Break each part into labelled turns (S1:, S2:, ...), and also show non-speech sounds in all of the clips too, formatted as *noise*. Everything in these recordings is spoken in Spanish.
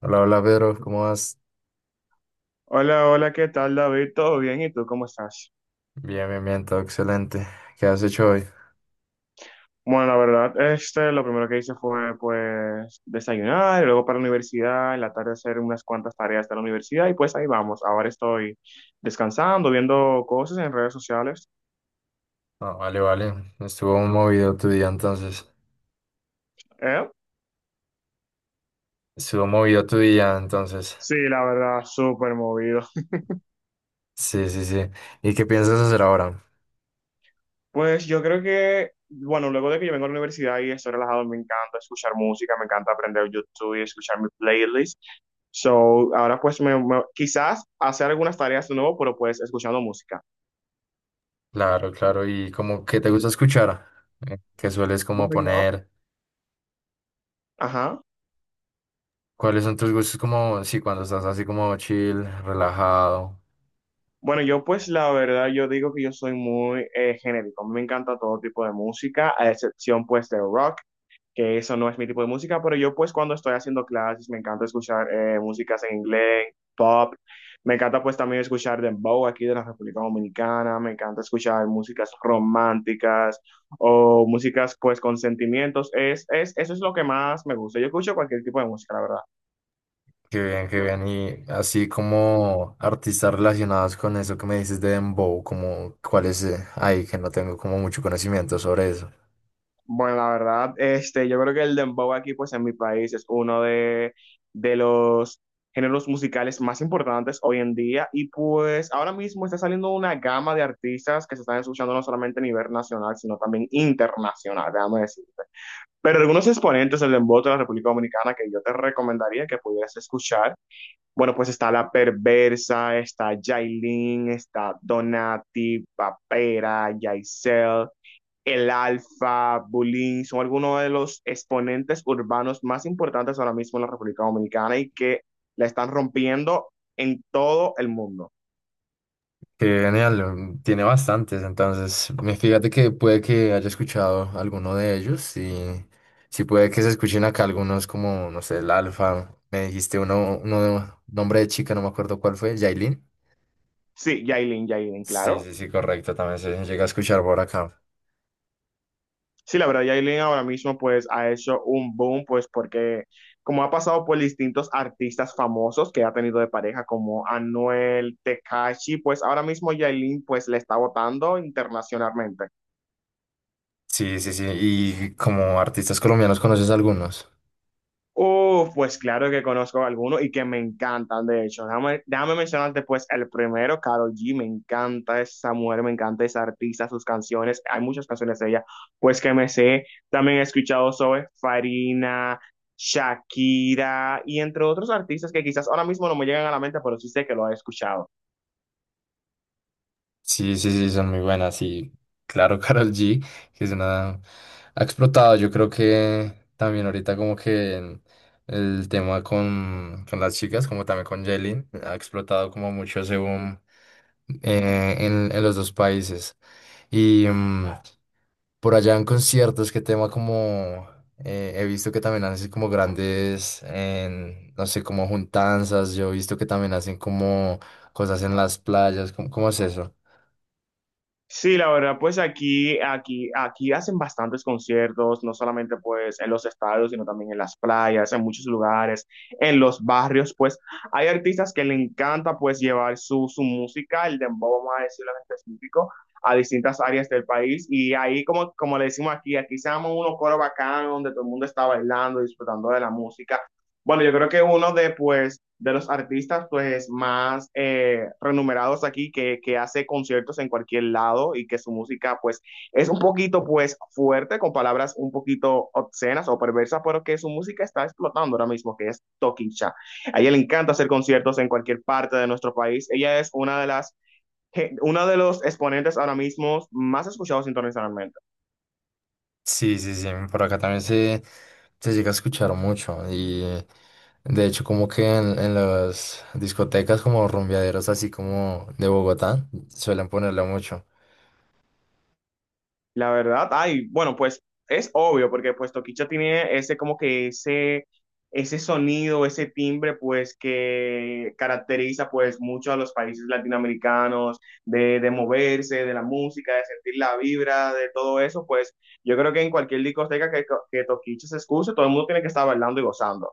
S1: Hola, hola Pedro, ¿cómo vas?
S2: Hola, hola, ¿qué tal, David? ¿Todo bien? ¿Y tú cómo estás?
S1: Bien, bien, bien, todo excelente. ¿Qué has hecho hoy?
S2: Bueno, la verdad, lo primero que hice fue, pues, desayunar, y luego para la universidad, en la tarde hacer unas cuantas tareas de la universidad, y pues ahí vamos. Ahora estoy descansando, viendo cosas en redes sociales.
S1: Ah, vale, vale. Estuvo movido tu día entonces.
S2: ¿Eh?
S1: Estuvo movido tu día entonces.
S2: Sí, la verdad, súper movido.
S1: Sí, sí, sí. ¿Y qué piensas hacer ahora?
S2: Pues yo creo que, bueno, luego de que yo vengo a la universidad y estoy relajado, me encanta escuchar música, me encanta aprender YouTube y escuchar mi playlist. So, ahora quizás hacer algunas tareas de nuevo, pero pues escuchando música.
S1: Claro, claro. ¿Y como qué te gusta escuchar? ¿Qué sueles como
S2: Bueno, yo,
S1: poner?
S2: ajá.
S1: ¿Cuáles son tus gustos como, sí, cuando estás así como chill, relajado?
S2: Bueno, yo pues la verdad, yo digo que yo soy muy genérico. Me encanta todo tipo de música, a excepción pues de rock, que eso no es mi tipo de música. Pero yo pues cuando estoy haciendo clases me encanta escuchar músicas en inglés, pop. Me encanta pues también escuchar dembow aquí de la República Dominicana, me encanta escuchar músicas románticas o músicas pues con sentimientos. Eso es lo que más me gusta, yo escucho cualquier tipo de música, la verdad.
S1: Qué bien, qué bien. Y así como artistas relacionados con eso que me dices de Dembow, como cuáles hay que no tengo como mucho conocimiento sobre eso.
S2: Bueno, la verdad, yo creo que el dembow aquí, pues en mi país, es de los géneros musicales más importantes hoy en día. Y pues ahora mismo está saliendo una gama de artistas que se están escuchando no solamente a nivel nacional, sino también internacional, déjame decirte. Pero algunos exponentes del dembow de la República Dominicana que yo te recomendaría que pudieras escuchar, bueno, pues está La Perversa, está Yailin, está Donati, Papera, Yaisel, El Alfa, Bulín, son algunos de los exponentes urbanos más importantes ahora mismo en la República Dominicana y que la están rompiendo en todo el mundo.
S1: Qué genial, mm, tiene bastantes, entonces me fíjate que puede que haya escuchado alguno de ellos y sí puede que se escuchen acá algunos como, no sé, el Alfa, me dijiste uno, uno de nombre de chica, no me acuerdo cuál fue, Yailin.
S2: Sí, Yailin, Yailin,
S1: Sí,
S2: claro.
S1: sí, sí, correcto, también se llega a escuchar por acá.
S2: Sí, la verdad, Yailin ahora mismo pues ha hecho un boom, pues porque como ha pasado por distintos artistas famosos que ha tenido de pareja como Anuel, Tekashi, pues ahora mismo Yailin pues le está votando internacionalmente.
S1: Sí, sí, sí, y como artistas colombianos conoces algunos.
S2: Uf, pues claro que conozco algunos y que me encantan, de hecho. Déjame mencionarte pues el primero, Karol G, me encanta esa mujer, me encanta esa artista, sus canciones, hay muchas canciones de ella, pues que me sé. También he escuchado sobre Farina, Shakira y entre otros artistas que quizás ahora mismo no me llegan a la mente, pero sí sé que lo he escuchado.
S1: Sí, sí, sí, son muy buenas. Y claro, *laughs* Karol G, que es una... ha explotado. Yo creo que también ahorita como que en el tema con las chicas, como también con Jelin, ha explotado como mucho ese boom en los dos países. Y mm, por allá en conciertos, qué tema como... he visto que también hacen como grandes, en, no sé, como juntanzas. Yo he visto que también hacen como cosas en las playas. ¿Cómo, cómo es eso?
S2: Sí, la verdad, pues aquí hacen bastantes conciertos, no solamente pues en los estadios, sino también en las playas, en muchos lugares, en los barrios. Pues hay artistas que le encanta pues llevar su música, el dembow, vamos a decirlo en específico, a distintas áreas del país, y ahí como le decimos aquí, aquí se llaman unos coros bacanos donde todo el mundo está bailando, disfrutando de la música. Bueno, yo creo que de los artistas más renumerados aquí que hace conciertos en cualquier lado y que su música es un poquito fuerte, con palabras un poquito obscenas o perversas, pero que su música está explotando ahora mismo, que es Tokisha. A ella le encanta hacer conciertos en cualquier parte de nuestro país. Ella es una de los exponentes ahora mismo más escuchados internacionalmente.
S1: Sí, sí, sí, por acá también se llega a escuchar mucho y de hecho como que en las discotecas como rumbeaderos así como de Bogotá suelen ponerla mucho.
S2: La verdad, ay, bueno, pues es obvio, porque pues Toquicha tiene ese como que ese sonido, ese timbre, pues que caracteriza pues mucho a los países latinoamericanos, de moverse, de la música, de sentir la vibra, de todo eso. Pues yo creo que en cualquier discoteca que Toquicha se escuche, todo el mundo tiene que estar bailando y gozando.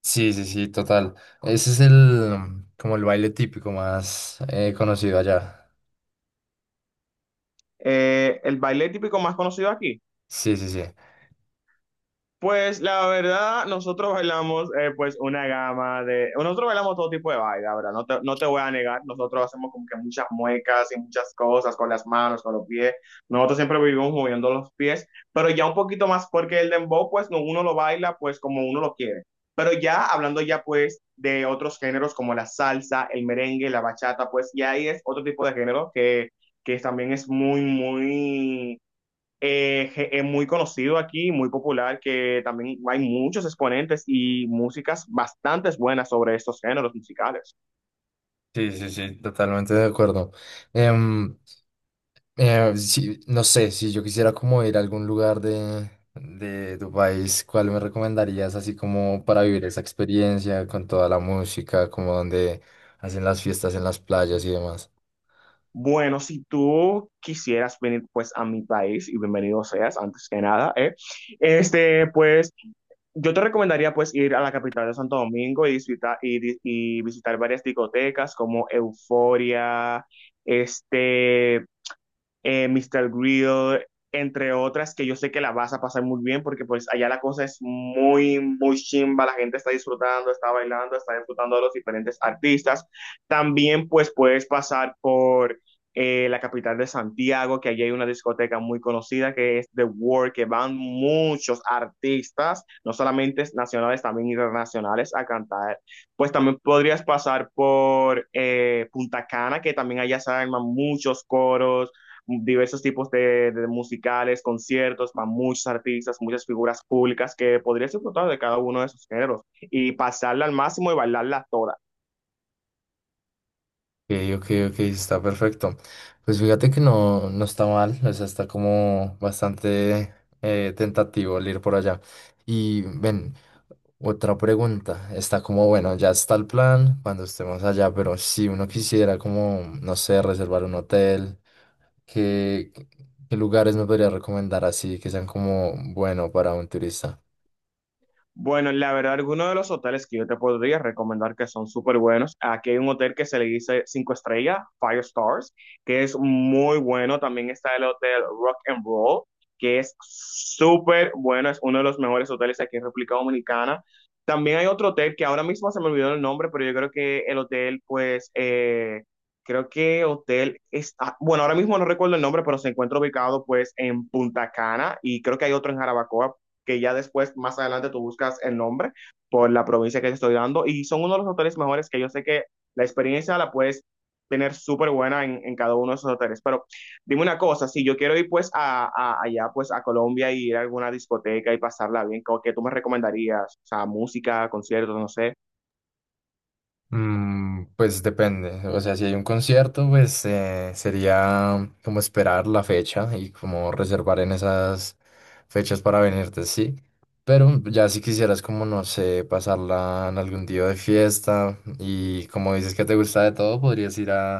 S1: Sí, sí, sí, total. Ese es el como el baile típico más conocido allá.
S2: El baile típico más conocido aquí.
S1: Sí, sí, sí.
S2: Pues la verdad, nosotros bailamos pues una gama de... Nosotros bailamos todo tipo de baile, la verdad, no te voy a negar. Nosotros hacemos como que muchas muecas y muchas cosas con las manos, con los pies. Nosotros siempre vivimos moviendo los pies, pero ya un poquito más, porque el dembow pues no, uno lo baila pues como uno lo quiere. Pero ya hablando ya pues de otros géneros como la salsa, el merengue, la bachata, pues ya ahí es otro tipo de género que también es muy es muy conocido aquí, muy popular, que también hay muchos exponentes y músicas bastante buenas sobre estos géneros musicales.
S1: Sí, sí, sí, totalmente de acuerdo. Em, sí, no sé, si yo quisiera como ir a algún lugar de tu país, ¿cuál me recomendarías así como para vivir esa experiencia con toda la música, como donde hacen las fiestas en las playas y demás?
S2: Bueno, si tú quisieras venir pues a mi país, y bienvenido seas, antes que nada, pues yo te recomendaría pues ir a la capital de Santo Domingo y visitar, y visitar varias discotecas como Euforia, este, Mr. Grill, entre otras que yo sé que la vas a pasar muy bien, porque pues allá la cosa es muy, muy chimba, la gente está disfrutando, está bailando, está disfrutando de los diferentes artistas. También pues puedes pasar por la capital de Santiago, que allí hay una discoteca muy conocida que es The World, que van muchos artistas, no solamente nacionales, también internacionales, a cantar. Pues también podrías pasar por Punta Cana, que también allá se arman muchos coros, diversos tipos de musicales, conciertos para muchos artistas, muchas figuras públicas, que podrías disfrutar de cada uno de esos géneros y pasarla al máximo y bailarla toda.
S1: Ok, ok, ok, está perfecto. Pues fíjate que no, no está mal, o sea, está como bastante tentativo el ir por allá. Y ven, otra pregunta, está como, bueno, ya está el plan cuando estemos allá, pero si uno quisiera como, no sé, reservar un hotel, ¿qué, qué lugares me podría recomendar así que sean como bueno para un turista?
S2: Bueno, la verdad, algunos de los hoteles que yo te podría recomendar que son súper buenos. Aquí hay un hotel que se le dice 5 estrellas, Five Stars, que es muy bueno. También está el hotel Rock and Roll, que es súper bueno. Es uno de los mejores hoteles aquí en República Dominicana. También hay otro hotel que ahora mismo se me olvidó el nombre, pero yo creo que el hotel, pues, creo que hotel es, ah, bueno, ahora mismo no recuerdo el nombre, pero se encuentra ubicado, pues, en Punta Cana, y creo que hay otro en Jarabacoa, que ya después, más adelante, tú buscas el nombre por la provincia que te estoy dando. Y son uno de los hoteles mejores que yo sé que la experiencia la puedes tener súper buena en, cada uno de esos hoteles. Pero dime una cosa, si yo quiero ir pues a allá pues a Colombia y ir a alguna discoteca y pasarla bien, ¿qué tú me recomendarías? O sea, música, conciertos, no sé.
S1: Mm, pues depende, o sea, si hay un concierto, pues sería como esperar la fecha y como reservar en esas fechas para venirte, sí. Pero ya si quisieras como, no sé, pasarla en algún día de fiesta y como dices que te gusta de todo, podrías ir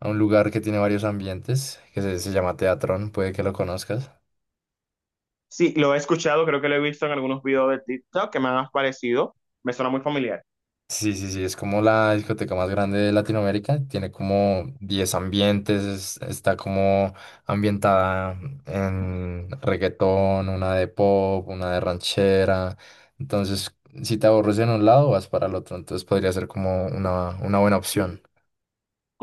S1: a un lugar que tiene varios ambientes, que se llama Teatrón, puede que lo conozcas.
S2: Sí, lo he escuchado, creo que lo he visto en algunos videos de TikTok que me han parecido, me suena muy familiar.
S1: Sí, sí, sí, es como la discoteca más grande de Latinoamérica, tiene como 10 ambientes, es- está como ambientada en reggaetón, una de pop, una de ranchera, entonces si te aburres en un lado vas para el otro, entonces podría ser como una buena opción.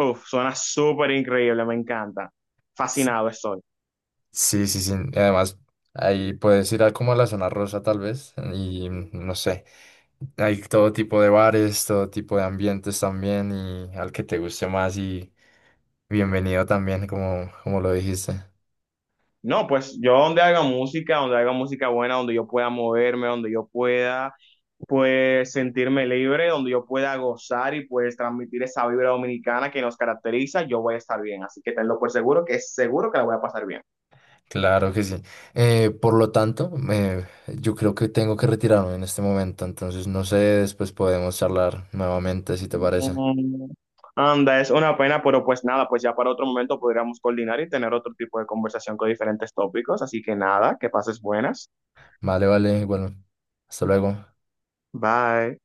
S2: Uf, suena súper increíble, me encanta. Fascinado estoy.
S1: Sí, sí, sí. Y además, ahí puedes ir a como a la zona rosa tal vez y no sé. Hay todo tipo de bares, todo tipo de ambientes también y al que te guste más y bienvenido también, como, como lo dijiste.
S2: No, pues yo donde haga música buena, donde yo pueda moverme, donde yo pueda pues sentirme libre, donde yo pueda gozar y pues transmitir esa vibra dominicana que nos caracteriza, yo voy a estar bien. Así que tenlo por seguro que es seguro que la voy a pasar bien.
S1: Claro que sí. Por lo tanto, yo creo que tengo que retirarme en este momento, entonces no sé, después podemos charlar nuevamente si te parece.
S2: Mm, anda, es una pena, pero pues nada, pues ya para otro momento podríamos coordinar y tener otro tipo de conversación con diferentes tópicos. Así que nada, que pases buenas.
S1: Vale, vale, bueno, hasta luego.
S2: Bye.